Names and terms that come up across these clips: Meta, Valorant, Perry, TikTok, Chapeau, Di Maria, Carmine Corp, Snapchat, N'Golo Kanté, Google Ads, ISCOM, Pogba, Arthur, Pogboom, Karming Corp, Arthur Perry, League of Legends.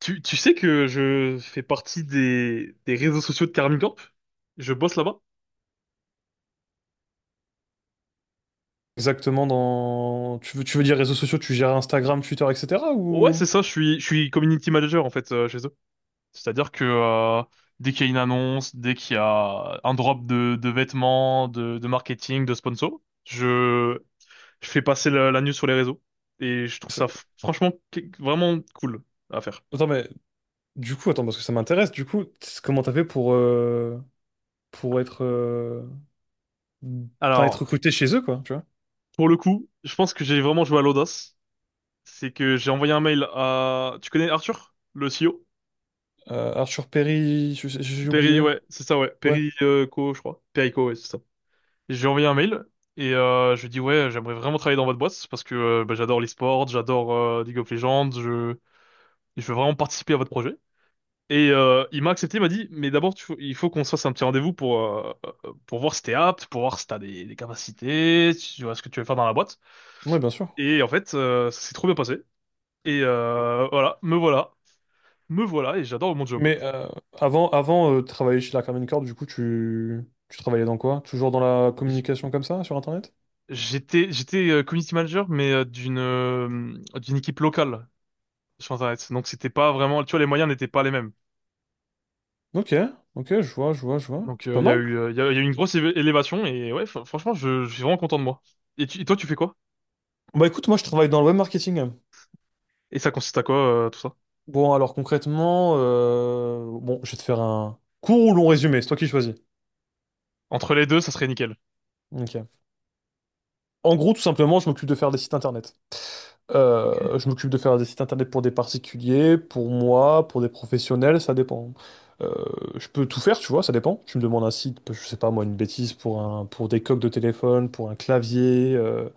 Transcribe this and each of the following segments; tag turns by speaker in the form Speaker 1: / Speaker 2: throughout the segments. Speaker 1: Tu sais que je fais partie des réseaux sociaux de Karming Corp? Je bosse là-bas?
Speaker 2: Exactement dans. Tu veux dire réseaux sociaux, tu gères Instagram, Twitter, etc.,
Speaker 1: Ouais,
Speaker 2: ou.
Speaker 1: c'est ça, je suis community manager en fait chez eux. C'est-à-dire que dès qu'il y a une annonce, dès qu'il y a un drop de vêtements, de marketing, de sponsor, je fais passer la news sur les réseaux. Et je trouve ça
Speaker 2: C'est-
Speaker 1: vraiment cool à faire.
Speaker 2: Attends, mais du coup, attends, parce que ça m'intéresse, du coup, comment t'as fait pour être, enfin, être
Speaker 1: Alors,
Speaker 2: recruté chez eux, quoi, tu vois?
Speaker 1: pour le coup, je pense que j'ai vraiment joué à l'audace. C'est que j'ai envoyé un mail à... Tu connais Arthur, le CEO?
Speaker 2: Arthur Perry, j'ai
Speaker 1: Perry,
Speaker 2: oublié.
Speaker 1: ouais, c'est ça, ouais.
Speaker 2: Ouais,
Speaker 1: Perry Co, je crois. Perry ouais, c'est ça. Et j'ai envoyé un mail et je lui ai dit, ouais, j'aimerais vraiment travailler dans votre boîte parce que bah, j'adore l'e-sport, j'adore League of Legends, je veux vraiment participer à votre projet. Et il m'a accepté, il m'a dit, mais d'abord, il faut qu'on se fasse un petit rendez-vous pour voir si t'es apte, pour voir si t'as des capacités, si tu vois ce que tu veux faire dans la boîte.
Speaker 2: ouais, bien sûr.
Speaker 1: Et en fait, ça s'est trop bien passé. Et voilà, me voilà, me voilà, et j'adore mon job.
Speaker 2: Mais avant, avant, de travailler chez la Carmine Corp, du coup, tu travaillais dans quoi? Toujours dans la communication comme ça, sur Internet?
Speaker 1: J'étais community manager mais d'une d'une équipe locale sur Internet. Donc c'était pas vraiment, tu vois, les moyens n'étaient pas les mêmes.
Speaker 2: Ok, ok, je vois, je vois, je vois.
Speaker 1: Donc
Speaker 2: C'est pas
Speaker 1: il y a
Speaker 2: mal.
Speaker 1: il y a eu une grosse élévation et ouais franchement je suis vraiment content de moi. Et, et toi tu fais quoi?
Speaker 2: Bah, écoute, moi, je travaille dans le web marketing, hein.
Speaker 1: Et ça consiste à quoi tout ça?
Speaker 2: Bon, alors concrètement, bon, je vais te faire un court ou long résumé, c'est toi qui choisis.
Speaker 1: Entre les deux ça serait nickel.
Speaker 2: Ok. En gros, tout simplement, je m'occupe de faire des sites internet.
Speaker 1: Ok.
Speaker 2: Je m'occupe de faire des sites internet pour des particuliers, pour moi, pour des professionnels, ça dépend. Euh, je peux tout faire, tu vois, ça dépend. Tu me demandes un site, je sais pas moi, une bêtise pour des coques de téléphone, pour un clavier,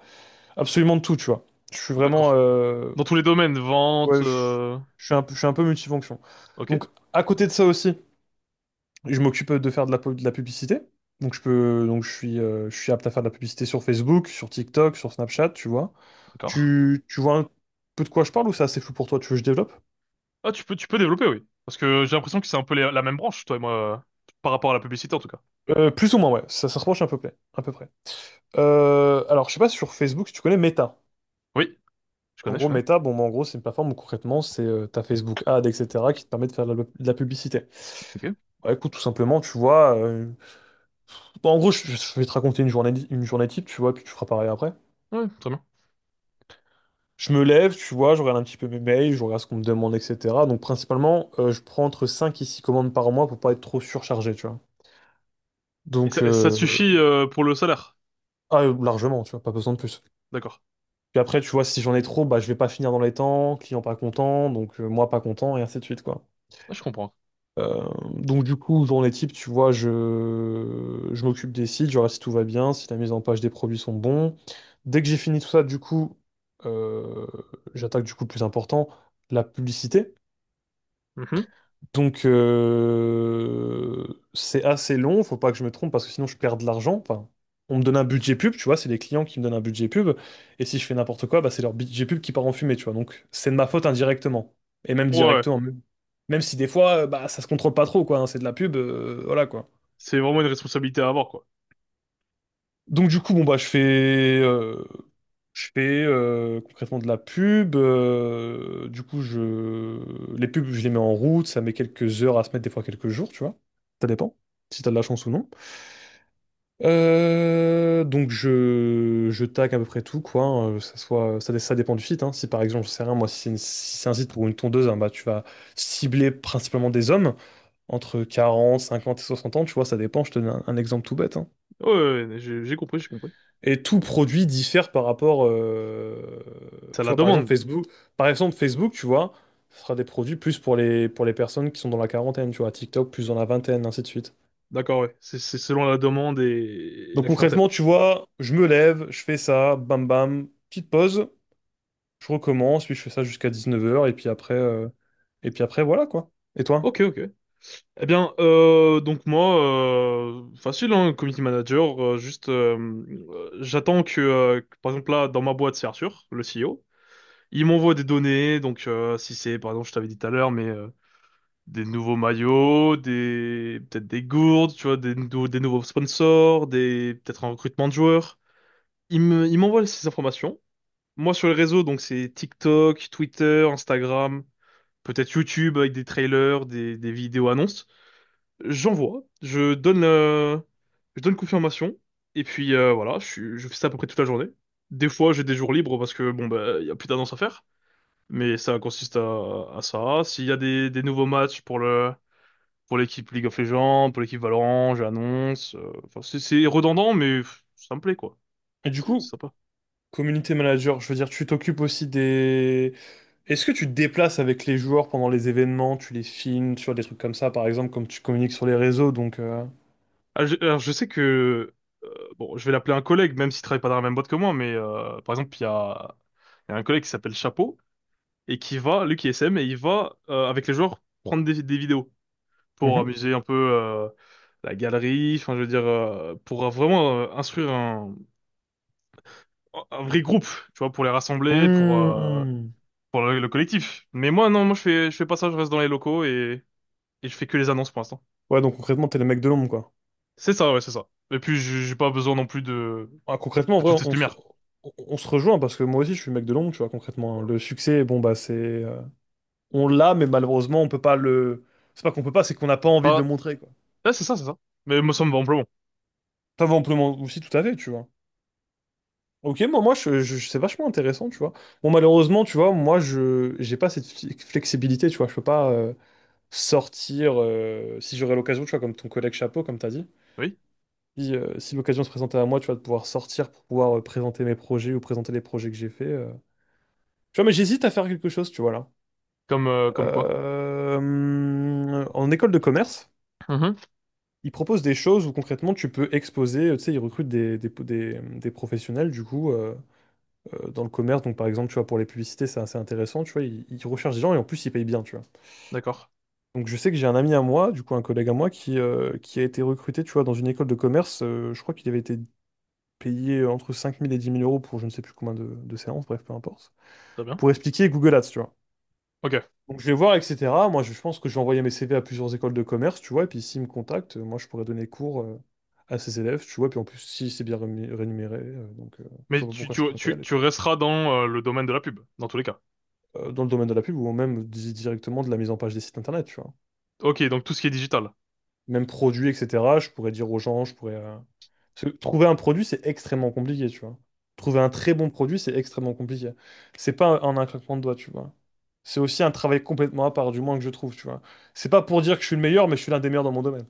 Speaker 2: absolument de tout, tu vois. Je suis vraiment,
Speaker 1: D'accord. Dans tous les domaines vente
Speaker 2: ouais, je, je suis un, peu- je suis un peu multifonction.
Speaker 1: ok,
Speaker 2: Donc, à côté de ça aussi, je m'occupe de faire de la publicité. Donc je peux, donc je suis apte à faire de la publicité sur Facebook, sur TikTok, sur Snapchat, tu vois.
Speaker 1: d'accord.
Speaker 2: Tu vois un peu de quoi je parle, ou c'est assez flou pour toi? Tu veux que je développe?
Speaker 1: Ah, tu peux développer, oui, parce que j'ai l'impression que c'est un peu la même branche toi et moi par rapport à la publicité en tout cas.
Speaker 2: Plus ou moins, ouais. Ça se rapproche à peu près. À peu près. Alors, je sais pas, si sur Facebook, si tu connais Meta.
Speaker 1: Oui, je
Speaker 2: En
Speaker 1: connais je
Speaker 2: gros,
Speaker 1: connais.
Speaker 2: Meta, bon, bah, en gros, c'est une plateforme où concrètement, c'est ta Facebook Ad, etc., qui te permet de faire de la publicité.
Speaker 1: Ok.
Speaker 2: Bah, écoute, tout simplement, tu vois. Bah, en gros, je vais te raconter une journée type, tu vois, puis tu feras pareil après.
Speaker 1: Ouais, très bien.
Speaker 2: Je me lève, tu vois, je regarde un petit peu mes mails, je regarde ce qu'on me demande, etc. Donc principalement, je prends entre 5 et 6 commandes par mois pour pas être trop surchargé, tu vois.
Speaker 1: Et ça,
Speaker 2: Donc,
Speaker 1: et ça te suffit pour le salaire?
Speaker 2: ah, largement, tu vois, pas besoin de plus.
Speaker 1: D'accord.
Speaker 2: Puis après, tu vois, si j'en ai trop, bah, je vais pas finir dans les temps, client pas content, donc moi pas content, et ainsi de suite, quoi.
Speaker 1: Ah, je comprends.
Speaker 2: Donc, du coup, dans les types, tu vois, je m'occupe des sites, je regarde si tout va bien, si la mise en page des produits sont bons. Dès que j'ai fini tout ça, du coup, euh, j'attaque du coup le plus important, la publicité.
Speaker 1: Mhm.
Speaker 2: Donc, c'est assez long, faut pas que je me trompe parce que sinon je perds de l'argent. Enfin, on me donne un budget pub, tu vois, c'est les clients qui me donnent un budget pub. Et si je fais n'importe quoi, bah, c'est leur budget pub qui part en fumée, tu vois. Donc, c'est de ma faute indirectement. Et même
Speaker 1: Ouais,
Speaker 2: directement. Même si des fois, bah, ça se contrôle pas trop, quoi. Hein, c'est de la pub, voilà, quoi.
Speaker 1: c'est vraiment une responsabilité à avoir, quoi.
Speaker 2: Donc, du coup, bon, bah, je fais concrètement de la pub. Du coup, je... les pubs, je les mets en route. Ça met quelques heures à se mettre, des fois quelques jours, tu vois. Ça dépend, si t'as de la chance ou non. Donc, je tag à peu près tout, quoi. Hein, que ça soit. Ça dépend du site. Hein. Si par exemple, je sais rien, moi, si c'est un site pour une tondeuse, hein, bah, tu vas cibler principalement des hommes entre 40, 50 et 60 ans, tu vois. Ça dépend. Je te donne un exemple tout bête. Hein.
Speaker 1: Ouais, ouais, ouais, j'ai compris.
Speaker 2: Et tout produit diffère par rapport,
Speaker 1: Ça
Speaker 2: tu
Speaker 1: la
Speaker 2: vois, par exemple
Speaker 1: demande.
Speaker 2: Facebook, par exemple Facebook, tu vois, ce sera des produits plus pour les personnes qui sont dans la quarantaine, tu vois, TikTok plus dans la vingtaine, ainsi de suite.
Speaker 1: D'accord, ouais. C'est selon la demande et
Speaker 2: Donc
Speaker 1: la clientèle.
Speaker 2: concrètement, tu vois, je me lève, je fais ça, bam bam, petite pause, je recommence, puis je fais ça jusqu'à 19h, et puis après, voilà quoi. Et toi?
Speaker 1: Ok, ok. Eh bien, donc moi, facile, hein, community manager, juste, j'attends que, par exemple, là, dans ma boîte, c'est Arthur, le CEO. Il m'envoie des données, donc si c'est, par exemple, je t'avais dit tout à l'heure, mais des nouveaux maillots, des peut-être des gourdes, tu vois, des nouveaux sponsors, des peut-être un recrutement de joueurs. Il m'envoie ces informations. Moi sur les réseaux, donc c'est TikTok, Twitter, Instagram, peut-être YouTube avec des trailers, des vidéos annonces. J'envoie, je donne confirmation et puis voilà, je fais ça à peu près toute la journée. Des fois, j'ai des jours libres parce que bon bah il y a plus d'annonces à faire, mais ça consiste à ça. S'il y a des nouveaux matchs pour le pour l'équipe League of Legends, pour l'équipe Valorant, j'annonce. Enfin, c'est redondant, mais pff, ça me plaît, quoi.
Speaker 2: Et du
Speaker 1: C'est
Speaker 2: coup,
Speaker 1: sympa.
Speaker 2: community manager, je veux dire, tu t'occupes aussi des. Est-ce que tu te déplaces avec les joueurs pendant les événements, tu les filmes, tu vois, des trucs comme ça, par exemple, comme tu communiques sur les réseaux, donc.
Speaker 1: Alors, je sais que... bon, je vais l'appeler un collègue, même s'il travaille pas dans la même boîte que moi, mais par exemple, il y a un collègue qui s'appelle Chapeau, et qui va, lui qui est SM, et il va, avec les joueurs, prendre des vidéos pour
Speaker 2: Mhm.
Speaker 1: amuser un peu la galerie, enfin, je veux dire, pour vraiment instruire un vrai groupe, tu vois, pour les rassembler,
Speaker 2: Mhm.
Speaker 1: pour le collectif. Mais moi, non, moi, je fais pas ça, je reste dans les locaux et je fais que les annonces pour l'instant.
Speaker 2: Ouais, donc concrètement, t'es le mec de l'ombre, quoi.
Speaker 1: C'est ça, ouais, c'est ça. Et puis, j'ai pas besoin non plus
Speaker 2: Ah, concrètement, en
Speaker 1: de toute
Speaker 2: vrai,
Speaker 1: cette
Speaker 2: on se,
Speaker 1: lumière.
Speaker 2: on- on se rejoint, parce que moi aussi, je suis le mec de l'ombre, tu vois, concrètement. Hein. Le succès, bon, bah, c'est, on l'a, mais malheureusement, on peut pas le. C'est pas qu'on peut pas, c'est qu'on n'a pas envie de le
Speaker 1: Pas,
Speaker 2: montrer, quoi.
Speaker 1: ah, c'est ça, c'est ça. Mais moi, ça me va amplement.
Speaker 2: Enfin, bon, on peut le montrer aussi, tout à fait, tu vois. Ok, moi, c'est vachement intéressant, tu vois. Bon, malheureusement, tu vois, moi, je j'ai pas cette flexibilité, tu vois. Je peux pas sortir, si j'aurais l'occasion, tu vois, comme ton collègue chapeau, comme tu as dit,
Speaker 1: Oui.
Speaker 2: si l'occasion se présentait à moi, tu vois, de pouvoir sortir pour pouvoir présenter mes projets ou présenter les projets que j'ai faits. Tu vois, mais j'hésite à faire quelque chose, tu vois, là.
Speaker 1: Comme, comme quoi.
Speaker 2: En école de commerce,
Speaker 1: Mhm.
Speaker 2: ils proposent des choses où concrètement tu peux exposer, tu sais, ils recrutent des professionnels, du coup, dans le commerce. Donc, par exemple, tu vois, pour les publicités, c'est assez intéressant, tu vois, ils recherchent des gens, et en plus, ils payent bien, tu vois.
Speaker 1: D'accord.
Speaker 2: Donc je sais que j'ai un ami à moi, du coup un collègue à moi, qui a été recruté, tu vois, dans une école de commerce. Je crois qu'il avait été payé entre 5 000 et 10 000 euros pour je ne sais plus combien de séances, bref, peu importe.
Speaker 1: Très bien.
Speaker 2: Pour expliquer Google Ads, tu vois.
Speaker 1: Ok.
Speaker 2: Donc je vais voir, etc. Moi, je pense que je vais envoyer mes CV à plusieurs écoles de commerce, tu vois, et puis s'ils me contactent, moi, je pourrais donner cours à ces élèves, tu vois, puis en plus, si c'est bien rémunéré, je
Speaker 1: Mais
Speaker 2: vois pas
Speaker 1: tu,
Speaker 2: pourquoi je
Speaker 1: tu,
Speaker 2: pourrais pas y
Speaker 1: tu,
Speaker 2: aller,
Speaker 1: tu
Speaker 2: tu
Speaker 1: resteras dans le domaine de la pub, dans tous les cas.
Speaker 2: vois. Dans le domaine de la pub, ou même directement de la mise en page des sites internet, tu vois.
Speaker 1: Ok, donc tout ce qui est digital.
Speaker 2: Même produit, etc., je pourrais dire aux gens, je pourrais. Parce que trouver un produit, c'est extrêmement compliqué, tu vois. Trouver un très bon produit, c'est extrêmement compliqué. C'est pas en un claquement de doigts, tu vois. C'est aussi un travail complètement à part, du moins que je trouve, tu vois. C'est pas pour dire que je suis le meilleur, mais je suis l'un des meilleurs dans mon domaine.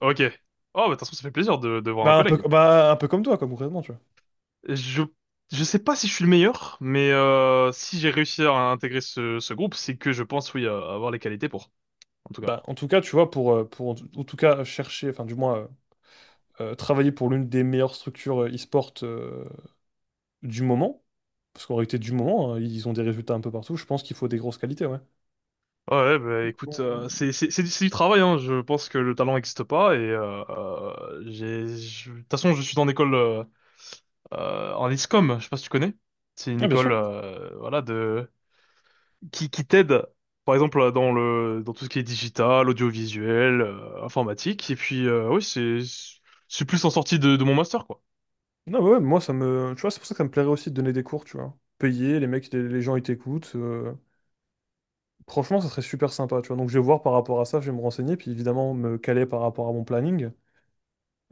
Speaker 1: Ok. Oh, bah, de toute façon, ça fait plaisir de voir un collègue.
Speaker 2: Bah, un peu comme toi, quoi, concrètement, tu vois.
Speaker 1: Je, je sais pas si je suis le meilleur, mais si j'ai réussi à intégrer ce, ce groupe, c'est que je pense, oui, à avoir les qualités pour. En tout cas.
Speaker 2: Bah, en tout cas, tu vois, pour en tout cas chercher, enfin, du moins, travailler pour l'une des meilleures structures e-sport du moment, parce qu'en réalité, du moment, hein, ils ont des résultats un peu partout, je pense qu'il faut des grosses qualités, ouais.
Speaker 1: Ouais, bah écoute,
Speaker 2: Bon.
Speaker 1: c'est du travail, hein. Je pense que le talent n'existe pas et de toute façon je suis dans l'école en ISCOM, je sais pas si tu connais. C'est une
Speaker 2: Ah, bien
Speaker 1: école
Speaker 2: sûr.
Speaker 1: voilà de qui t'aide par exemple dans tout ce qui est digital, audiovisuel, informatique et puis oui, c'est plus en sortie de mon master, quoi.
Speaker 2: Non, ouais, ouais, moi, ça me. Tu vois, c'est pour ça que ça me plairait aussi de donner des cours, tu vois. Payer, les mecs, les gens, ils t'écoutent. Franchement, ça serait super sympa, tu vois. Donc, je vais voir par rapport à ça, je vais me renseigner, puis évidemment, me caler par rapport à mon planning.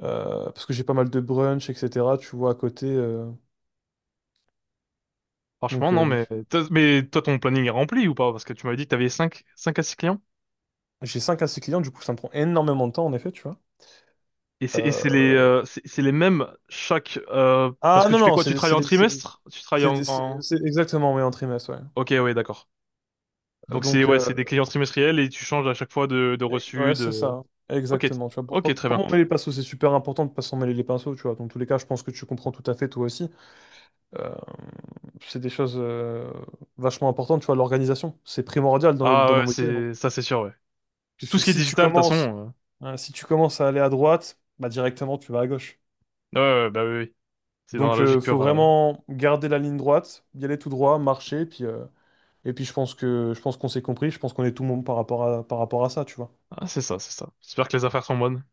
Speaker 2: Parce que j'ai pas mal de brunch, etc., tu vois, à côté.
Speaker 1: Franchement
Speaker 2: Donc,
Speaker 1: non mais mais toi ton planning est rempli ou pas? Parce que tu m'avais dit que t'avais cinq à 6 clients.
Speaker 2: j'ai 5 à 6 clients, du coup, ça me prend énormément de temps, en effet, tu vois.
Speaker 1: Et c'est les
Speaker 2: Euh,
Speaker 1: c'est les mêmes chaque parce
Speaker 2: Ah,
Speaker 1: que
Speaker 2: non,
Speaker 1: tu fais
Speaker 2: non,
Speaker 1: quoi? Tu
Speaker 2: c'est
Speaker 1: travailles
Speaker 2: c'est
Speaker 1: en
Speaker 2: des- c'est-
Speaker 1: trimestre? Tu travailles
Speaker 2: c'est
Speaker 1: en,
Speaker 2: des- c'est-
Speaker 1: en...
Speaker 2: c'est exactement, mais en trimestre, ouais.
Speaker 1: Ok, ouais, d'accord. Donc c'est
Speaker 2: Donc,
Speaker 1: ouais, c'est des clients trimestriels et tu changes à chaque fois de reçu
Speaker 2: Ouais,
Speaker 1: de
Speaker 2: c'est ça.
Speaker 1: Ok,
Speaker 2: Exactement. Tu vois, pour,
Speaker 1: ok,
Speaker 2: pour, pour
Speaker 1: très
Speaker 2: pas
Speaker 1: bien.
Speaker 2: m'emmêler les pinceaux, c'est super important de pas s'en mêler les pinceaux, tu vois. Dans tous les cas, je pense que tu comprends tout à fait, toi aussi. Euh, c'est des choses vachement importantes, tu vois, l'organisation. C'est primordial dans nos, dans
Speaker 1: Ah ouais,
Speaker 2: nos métiers. Hein.
Speaker 1: c'est ça c'est sûr ouais.
Speaker 2: Parce
Speaker 1: Tout
Speaker 2: que
Speaker 1: ce qui est
Speaker 2: si tu
Speaker 1: digital, de toute
Speaker 2: commences,
Speaker 1: façon,
Speaker 2: hein, si tu commences à aller à droite, bah directement, tu vas à gauche.
Speaker 1: ouais, ouais, ouais, bah oui, oui. C'est dans la
Speaker 2: Donc,
Speaker 1: logique
Speaker 2: faut
Speaker 1: pure.
Speaker 2: vraiment garder la ligne droite, y aller tout droit, marcher, et puis je pense qu'on s'est compris, je pense qu'on est tout le monde par rapport à ça, tu vois.
Speaker 1: Ah, c'est ça, c'est ça. J'espère que les affaires sont bonnes.